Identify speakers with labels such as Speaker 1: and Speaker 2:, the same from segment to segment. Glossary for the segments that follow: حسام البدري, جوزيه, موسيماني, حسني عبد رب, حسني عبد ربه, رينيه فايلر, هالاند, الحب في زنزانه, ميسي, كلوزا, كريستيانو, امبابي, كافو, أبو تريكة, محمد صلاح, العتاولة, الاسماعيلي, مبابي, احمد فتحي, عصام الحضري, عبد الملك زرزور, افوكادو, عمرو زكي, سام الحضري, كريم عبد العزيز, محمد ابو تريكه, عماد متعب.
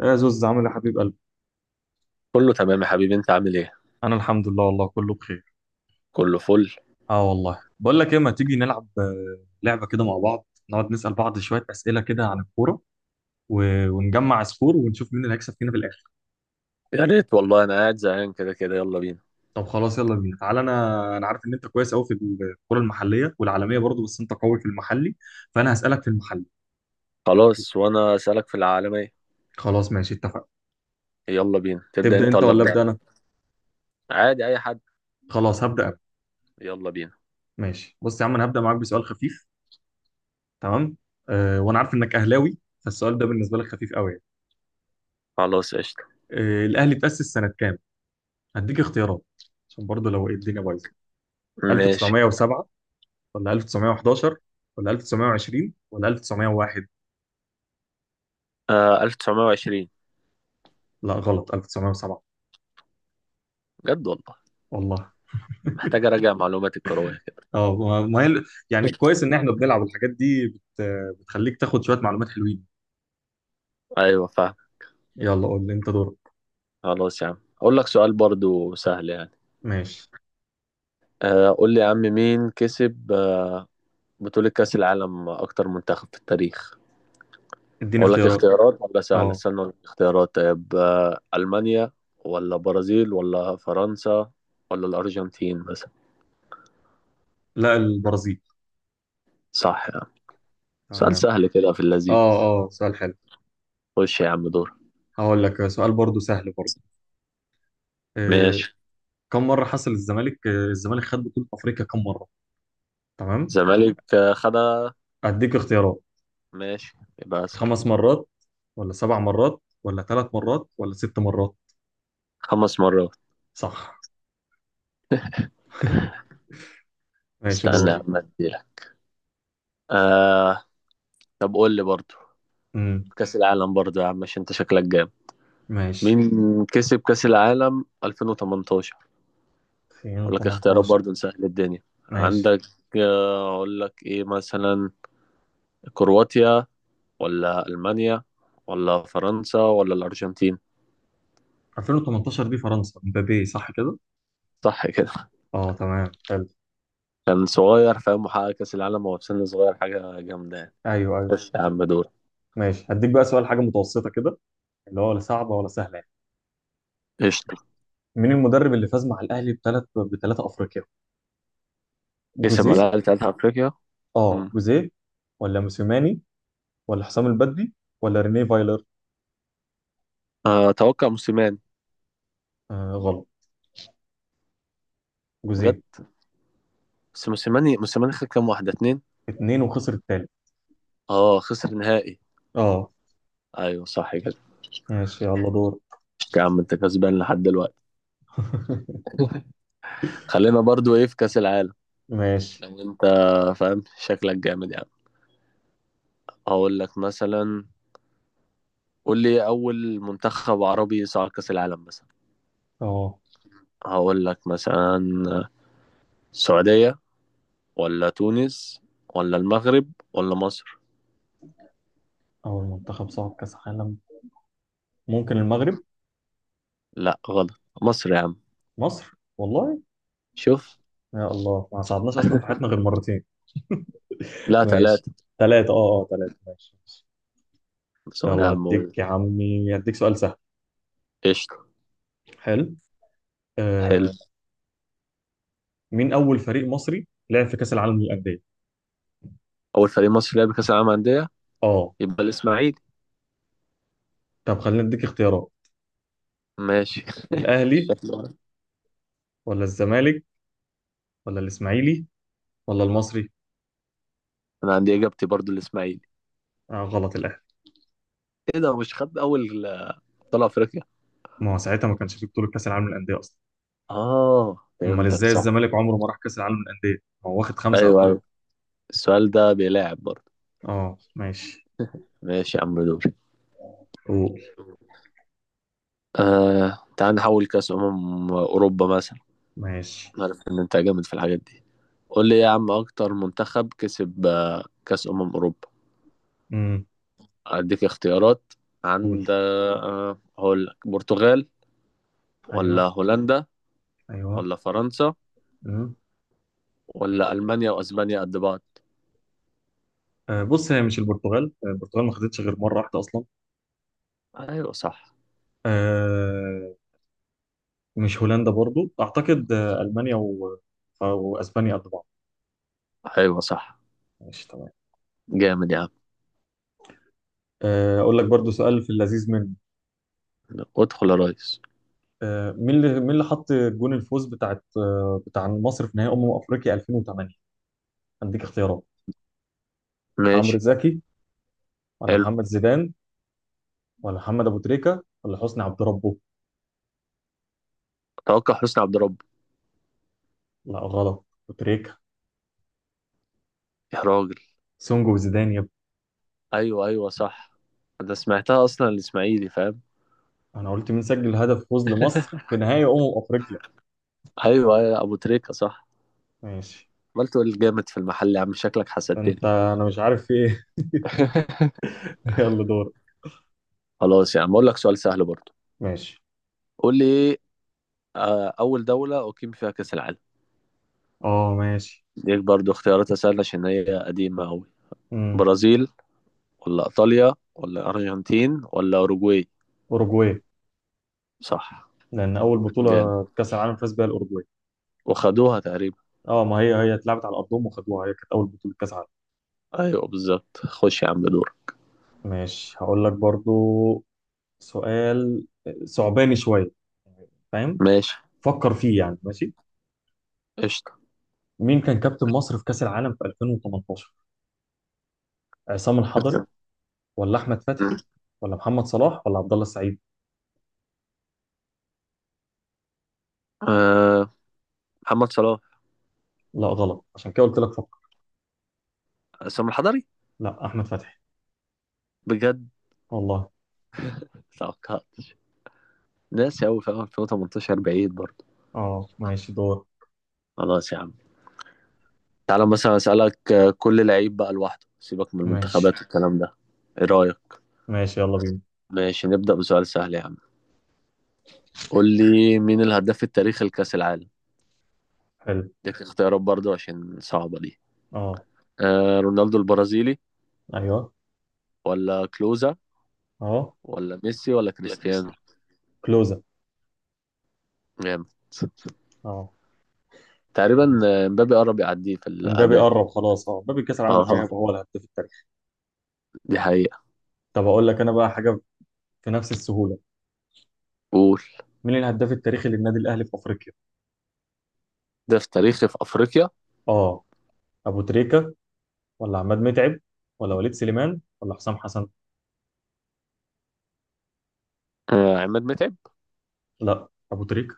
Speaker 1: يا زوز عامل يا حبيب قلبي.
Speaker 2: كله تمام يا حبيبي، انت عامل ايه؟
Speaker 1: انا الحمد لله والله كله بخير.
Speaker 2: كله فل.
Speaker 1: اه والله، بقول لك ايه، ما تيجي نلعب لعبه كده مع بعض، نقعد نسال بعض شويه اسئله كده عن الكوره و... ونجمع سكور ونشوف مين اللي هيكسب فينا في الاخر.
Speaker 2: يا ريت والله، انا قاعد زهقان كده كده، يلا بينا.
Speaker 1: طب خلاص يلا بينا، تعالى. انا عارف ان انت كويس قوي في الكوره المحليه والعالميه برضو، بس انت قوي في المحلي، فانا هسالك في المحلي.
Speaker 2: خلاص، وانا اسالك في العالمية.
Speaker 1: خلاص ماشي، اتفقنا.
Speaker 2: يلا بينا، تبدا
Speaker 1: تبدا
Speaker 2: انت
Speaker 1: انت
Speaker 2: ولا
Speaker 1: ولا
Speaker 2: ابدا؟
Speaker 1: ابدا انا؟
Speaker 2: عادي اي حد.
Speaker 1: خلاص، هبدا انا.
Speaker 2: يلا بينا.
Speaker 1: ماشي، بص يا عم، انا هبدا معاك بسؤال خفيف. تمام. أه، وانا عارف انك اهلاوي، فالسؤال ده بالنسبه لك خفيف قوي يعني.
Speaker 2: خلاص قشطة.
Speaker 1: أه، الاهلي اتاسس سنه كام؟ هديك اختيارات عشان برضه لو ايه الدنيا بايظه.
Speaker 2: ماشي.
Speaker 1: 1907 ولا 1911 ولا 1920 ولا 1901؟
Speaker 2: آه، 1920.
Speaker 1: لا غلط، 1907.
Speaker 2: بجد والله؟
Speaker 1: والله.
Speaker 2: محتاج اراجع معلوماتي الكروية كده.
Speaker 1: اه ما ما هي ال- يعني كويس ان احنا بنلعب الحاجات دي بتخليك تاخد شويه معلومات حلوين.
Speaker 2: ايوه فاهم.
Speaker 1: يلا قول لي، انت دورك.
Speaker 2: خلاص يا عم اقول لك سؤال برضو سهل يعني.
Speaker 1: ماشي،
Speaker 2: آه، قول لي يا عم، مين كسب بطولة كأس العالم اكتر منتخب في التاريخ؟
Speaker 1: اديني
Speaker 2: اقول لك
Speaker 1: اختيارات.
Speaker 2: اختيارات ولا سهله؟
Speaker 1: اه،
Speaker 2: استنى اقول لك اختيارات. طيب المانيا، ولا برازيل، ولا فرنسا، ولا الارجنتين مثلا؟
Speaker 1: لا البرازيل.
Speaker 2: صح يا عم. سؤال
Speaker 1: تمام.
Speaker 2: سهل كده في اللذيذ.
Speaker 1: اه اه، سؤال حلو.
Speaker 2: خش يا عم دور.
Speaker 1: هقول لك سؤال برضه سهل برضه. آه،
Speaker 2: ماشي.
Speaker 1: كم مره حصل الزمالك الزمالك خد بطوله افريقيا كم مره؟ تمام،
Speaker 2: زمالك خدها.
Speaker 1: اديك اختيارات.
Speaker 2: ماشي. يبقى اسهل.
Speaker 1: خمس مرات ولا سبع مرات ولا ثلاث مرات ولا ست مرات؟
Speaker 2: خمس مرات.
Speaker 1: صح. ماشي دور،
Speaker 2: استنى يا
Speaker 1: استنى.
Speaker 2: عم اديلك. آه. طب قول لي برضو
Speaker 1: امم
Speaker 2: كأس العالم برضو يا عم، مش انت شكلك جامد.
Speaker 1: ماشي.
Speaker 2: مين كسب كأس العالم 2018؟ اقول لك اختيارات
Speaker 1: 2018.
Speaker 2: برضو نسهل الدنيا.
Speaker 1: ماشي،
Speaker 2: عندك اقول لك ايه مثلا، كرواتيا، ولا ألمانيا، ولا فرنسا، ولا الأرجنتين؟
Speaker 1: 2018 دي فرنسا، مبابي، صح كده.
Speaker 2: صح كده.
Speaker 1: اه تمام حلو.
Speaker 2: كان صغير فاهم، وحقق كأس العالم وهو في سن صغير، حاجة جامدة يعني.
Speaker 1: ايوه ايوه.
Speaker 2: خش يا عم دور.
Speaker 1: ماشي، هديك بقى سؤال حاجه متوسطه كده، اللي هو لا صعبه ولا سهله يعني.
Speaker 2: قشطة.
Speaker 1: مين المدرب اللي فاز مع الاهلي بثلاثه افريقيا؟
Speaker 2: كسب
Speaker 1: جوزيه.
Speaker 2: ملاعب بتاعت أفريقيا.
Speaker 1: اه
Speaker 2: مم.
Speaker 1: جوزيه، ولا موسيماني ولا حسام البدري ولا رينيه فايلر؟
Speaker 2: آه، أتوقع موسيماني.
Speaker 1: آه غلط،
Speaker 2: جد؟
Speaker 1: جوزيه.
Speaker 2: بس موسيماني خد كام، واحدة اتنين.
Speaker 1: اتنين، وخسر التالت.
Speaker 2: اه خسر نهائي.
Speaker 1: اه
Speaker 2: أيوه صح كده.
Speaker 1: ماشي يلا دور.
Speaker 2: قشطة يا عم، أنت كسبان لحد دلوقتي. خلينا برضو إيه، في كأس العالم.
Speaker 1: ماشي.
Speaker 2: لو أنت فاهم، شكلك جامد يعني. هقول لك مثلا، قول لي أول منتخب عربي صعد كأس العالم مثلا.
Speaker 1: اه.
Speaker 2: هقول لك مثلا، السعودية، ولا تونس، ولا المغرب، ولا مصر؟
Speaker 1: اول منتخب صعد كاس عالم، ممكن المغرب.
Speaker 2: لا غلط، مصر يا عم.
Speaker 1: مصر؟ والله.
Speaker 2: شوف.
Speaker 1: يا الله، ما صعدناش اصلا في حياتنا غير مرتين.
Speaker 2: لا
Speaker 1: ماشي،
Speaker 2: ثلاثة.
Speaker 1: ثلاثة، اه اه ثلاثة، ماشي ماشي.
Speaker 2: سؤال يا
Speaker 1: يلا
Speaker 2: عم.
Speaker 1: هديك يا عمي، هديك سؤال سهل.
Speaker 2: قشطة.
Speaker 1: حلو.
Speaker 2: حلو.
Speaker 1: آه، مين اول فريق مصري لعب في كاس العالم للاندية؟
Speaker 2: أول فريق مصري لعب كأس العالم أندية؟
Speaker 1: اه،
Speaker 2: يبقى الإسماعيلي.
Speaker 1: طب خلينا نديك اختيارات.
Speaker 2: ماشي.
Speaker 1: الاهلي
Speaker 2: شكله.
Speaker 1: ولا الزمالك ولا الاسماعيلي ولا المصري؟
Speaker 2: أنا عندي إجابتي برضو الإسماعيلي.
Speaker 1: آه غلط، الاهلي.
Speaker 2: إيه ده، مش خد أول أبطال أفريقيا؟
Speaker 1: ما هو ساعتها ما كانش في بطولة كاس العالم للاندية اصلا.
Speaker 2: آه
Speaker 1: امال
Speaker 2: فهمتك،
Speaker 1: ازاي
Speaker 2: صح.
Speaker 1: الزمالك عمره ما راح كاس العالم للاندية، ما هو واخد خمسة.
Speaker 2: أيوه أيوه. السؤال ده بيلاعب برضو.
Speaker 1: اه ماشي.
Speaker 2: ماشي يا عم دوري.
Speaker 1: قول.
Speaker 2: آه تعال نحول كأس أمم أوروبا مثلا.
Speaker 1: ماشي.
Speaker 2: عارف إن أنت جامد في الحاجات دي. قول لي يا عم، أكتر منتخب كسب كأس أمم أوروبا.
Speaker 1: امم
Speaker 2: أديك اختيارات.
Speaker 1: قول.
Speaker 2: عند هقول لك برتغال، ولا
Speaker 1: ايوه
Speaker 2: هولندا،
Speaker 1: ايوه.
Speaker 2: ولا فرنسا،
Speaker 1: امم
Speaker 2: ولا
Speaker 1: ولا
Speaker 2: ألمانيا
Speaker 1: مين
Speaker 2: وأسبانيا
Speaker 1: أصلا؟
Speaker 2: قد بعض؟
Speaker 1: آه بص، هي مش البرتغال، البرتغال ما خدتش غير مره واحده اصلا.
Speaker 2: أيوة صح.
Speaker 1: آه، مش هولندا برضو اعتقد، آه المانيا واسبانيا قد بعض.
Speaker 2: أيوة صح.
Speaker 1: ماشي تمام.
Speaker 2: جامد يا عم.
Speaker 1: آه، اقول لك برضو سؤال في اللذيذ منه.
Speaker 2: ادخل يا ريس.
Speaker 1: آه، مين اللي حط جون الفوز بتاعت آه، بتاع مصر في نهائي افريقيا 2008؟ هديك اختيارات. عمرو
Speaker 2: ماشي.
Speaker 1: زكي ولا
Speaker 2: حلو.
Speaker 1: محمد زيدان ولا محمد ابو تريكه ولا حسني عبد ربه؟
Speaker 2: توقع حسني عبد رب.
Speaker 1: لا غلط، بتريكا.
Speaker 2: يا راجل.
Speaker 1: سونجو وزيدان يا ابني.
Speaker 2: أيوة أيوة صح. أنا سمعتها أصلا، الإسماعيلي فاهم.
Speaker 1: انا قلت مين سجل هدف فوز لمصر في نهائي افريقيا.
Speaker 2: أيوة أيوة أبو تريكة صح.
Speaker 1: ماشي.
Speaker 2: عملت تقول جامد في المحل يا عم، شكلك
Speaker 1: ده
Speaker 2: حسدتني.
Speaker 1: انت، انا مش عارف في ايه. يلا دور.
Speaker 2: خلاص يا عم أقول لك سؤال سهل برضه.
Speaker 1: ماشي.
Speaker 2: قول لي ايه، اول دولة اقيم فيها كأس العالم.
Speaker 1: اه ماشي.
Speaker 2: ديك برضو اختيارات سهلة عشان هي قديمة قوي.
Speaker 1: امم
Speaker 2: برازيل، ولا ايطاليا، ولا ارجنتين، ولا اوروجواي؟
Speaker 1: اوروجواي.
Speaker 2: صح.
Speaker 1: لان اول بطوله
Speaker 2: جامد.
Speaker 1: كاس العالم فاز بيها الاوروجواي.
Speaker 2: وخدوها تقريبا.
Speaker 1: اه، ما هي هي اتلعبت على ارضهم وخدوها، هي كانت اول بطوله كاس عالم.
Speaker 2: ايوه بالظبط. خش يا عم دور.
Speaker 1: ماشي. هقول لك برضو سؤال صعباني شويه، فاهم؟
Speaker 2: ماشي.
Speaker 1: فكر فيه يعني. ماشي.
Speaker 2: قشطة.
Speaker 1: مين كان كابتن مصر في كاس العالم في 2018؟ عصام الحضري
Speaker 2: كابتن.
Speaker 1: ولا احمد فتحي ولا محمد صلاح ولا عبد الله السعيد؟
Speaker 2: أه محمد صلاح.
Speaker 1: لا غلط، عشان كده قلت لك فكر.
Speaker 2: سام الحضري.
Speaker 1: لا، احمد فتحي.
Speaker 2: بجد؟
Speaker 1: والله.
Speaker 2: توقعتش. ناسي قوي، في 2018 بعيد برضو.
Speaker 1: اه ماشي دور.
Speaker 2: خلاص يا عم. تعالى مثلا اسألك كل لعيب بقى لوحده، سيبك من المنتخبات
Speaker 1: ماشي
Speaker 2: والكلام ده. ايه رأيك؟
Speaker 1: ماشي يلا بينا.
Speaker 2: ماشي. نبدأ بسؤال سهل يا عم. قول لي مين الهداف التاريخي لكأس العالم.
Speaker 1: حلو.
Speaker 2: ليك اختيارات برضو عشان صعبة دي.
Speaker 1: اه.
Speaker 2: آه رونالدو البرازيلي،
Speaker 1: ايوه.
Speaker 2: ولا كلوزا،
Speaker 1: اه.
Speaker 2: ولا ميسي، ولا
Speaker 1: لا
Speaker 2: كريستيانو؟
Speaker 1: كريستيانو، كلوزا.
Speaker 2: جامد.
Speaker 1: اه.
Speaker 2: تقريبا مبابي قرب يعديه في
Speaker 1: امبابي
Speaker 2: الأهداف.
Speaker 1: قرب خلاص، اه امبابي كاس العالم الجاي
Speaker 2: اه،
Speaker 1: هيبقى هو الهداف التاريخي.
Speaker 2: دي حقيقة.
Speaker 1: طب اقول لك انا بقى حاجه في نفس السهوله.
Speaker 2: قول.
Speaker 1: مين الهداف التاريخي للنادي الاهلي في افريقيا؟
Speaker 2: هداف تاريخي في أفريقيا.
Speaker 1: اه، ابو تريكه ولا عماد متعب ولا وليد سليمان ولا حسام حسن؟
Speaker 2: آه عماد متعب.
Speaker 1: لا، ابو تريكه.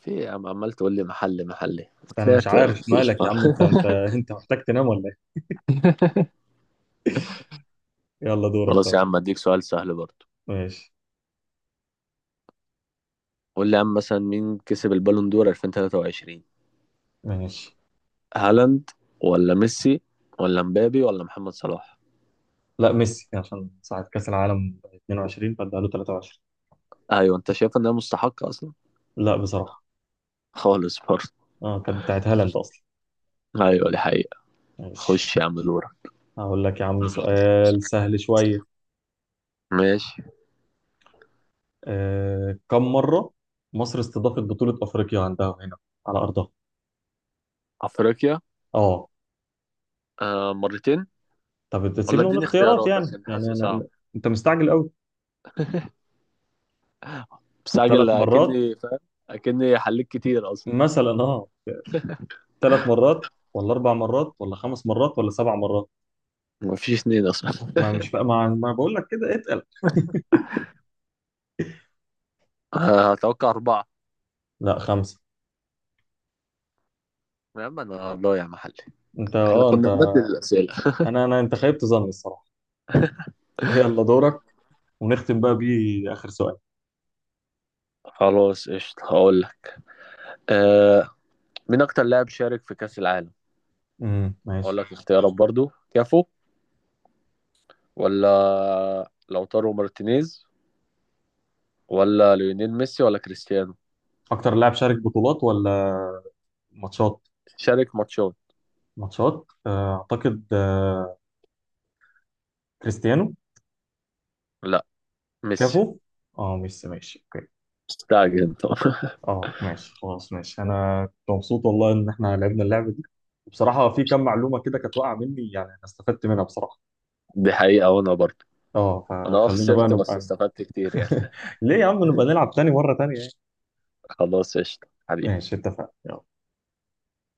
Speaker 2: في إيه يا عم، عمال تقول لي محلي محلي.
Speaker 1: انا مش
Speaker 2: طلعت
Speaker 1: عارف
Speaker 2: مفيش.
Speaker 1: مالك يا عم، انت انت محتاج تنام ولا ايه؟ يلا دورك
Speaker 2: خلاص
Speaker 1: طب.
Speaker 2: يا عم اديك سؤال سهل برضو.
Speaker 1: ماشي.
Speaker 2: قول لي يا عم مثلا، مين كسب البالون دور 2023؟
Speaker 1: ماشي.
Speaker 2: هالاند، ولا ميسي، ولا مبابي، ولا محمد صلاح؟
Speaker 1: لا ميسي، عشان ساعة كأس العالم 22 فادها له 23.
Speaker 2: ايوه انت شايف انها مستحقه اصلا؟
Speaker 1: لا بصراحة،
Speaker 2: خالص برضه.
Speaker 1: اه كانت بتاعت هالاند اصلا.
Speaker 2: ايوه دي حقيقه.
Speaker 1: ماشي.
Speaker 2: خش يا عم دورك.
Speaker 1: هقول لك يا عم سؤال سهل شوية.
Speaker 2: ماشي.
Speaker 1: آه، كم مرة مصر استضافت بطولة افريقيا عندها هنا على ارضها؟
Speaker 2: افريقيا.
Speaker 1: اه،
Speaker 2: آه مرتين.
Speaker 1: طب
Speaker 2: ولا
Speaker 1: تسيبنا من
Speaker 2: اديني
Speaker 1: اختيارات
Speaker 2: اختيارات
Speaker 1: يعني،
Speaker 2: عشان
Speaker 1: يعني
Speaker 2: حاسه
Speaker 1: انا.
Speaker 2: صعب.
Speaker 1: انت مستعجل قوي. ثلاث
Speaker 2: مستعجل
Speaker 1: مرات
Speaker 2: اكني فاهم. اكني حليت كتير اصلا.
Speaker 1: مثلا، اه، ثلاث مرات ولا اربع مرات ولا خمس مرات ولا سبع مرات؟
Speaker 2: مفيش اتنين اصلا.
Speaker 1: ما مش بقى ما, ما بقول لك كده اتقل.
Speaker 2: آه، اتوقع اربعه.
Speaker 1: لا خمسة.
Speaker 2: يا عم انا ضايع يا محلي.
Speaker 1: انت
Speaker 2: احنا
Speaker 1: اه انت،
Speaker 2: كنا بنبدل الاسئله.
Speaker 1: انا انت خيبت ظني الصراحة. يلا دورك، ونختم بقى بيه اخر سؤال.
Speaker 2: خلاص قشطة هقول لك. آه مين أكتر لاعب شارك في كأس العالم؟ أقول
Speaker 1: ماشي.
Speaker 2: لك اختيارات برضو، كافو، ولا لوتارو مارتينيز، ولا ليونيل ميسي، ولا كريستيانو.
Speaker 1: اكتر لاعب شارك بطولات ولا ماتشات؟
Speaker 2: شارك ماتشات.
Speaker 1: ماتشات اعتقد كريستيانو.
Speaker 2: لا، ميسي.
Speaker 1: كافو. اه ميسي، ماشي اوكي.
Speaker 2: مستعجل انت.
Speaker 1: اه ماشي خلاص، ماشي، انا كنت مبسوط والله ان احنا لعبنا اللعبة دي. بصراحة في كم معلومة كده كانت واقعة مني يعني، انا استفدت منها بصراحة.
Speaker 2: دي حقيقة وانا برضه.
Speaker 1: اه
Speaker 2: انا اه
Speaker 1: فخلينا بقى
Speaker 2: خسرت بس
Speaker 1: نبقى،
Speaker 2: استفدت كتير يعني.
Speaker 1: ليه يا عم نبقى نلعب تاني، مرة تانية يعني.
Speaker 2: خلاص قشطة حبيبي.
Speaker 1: ماشي اتفقنا.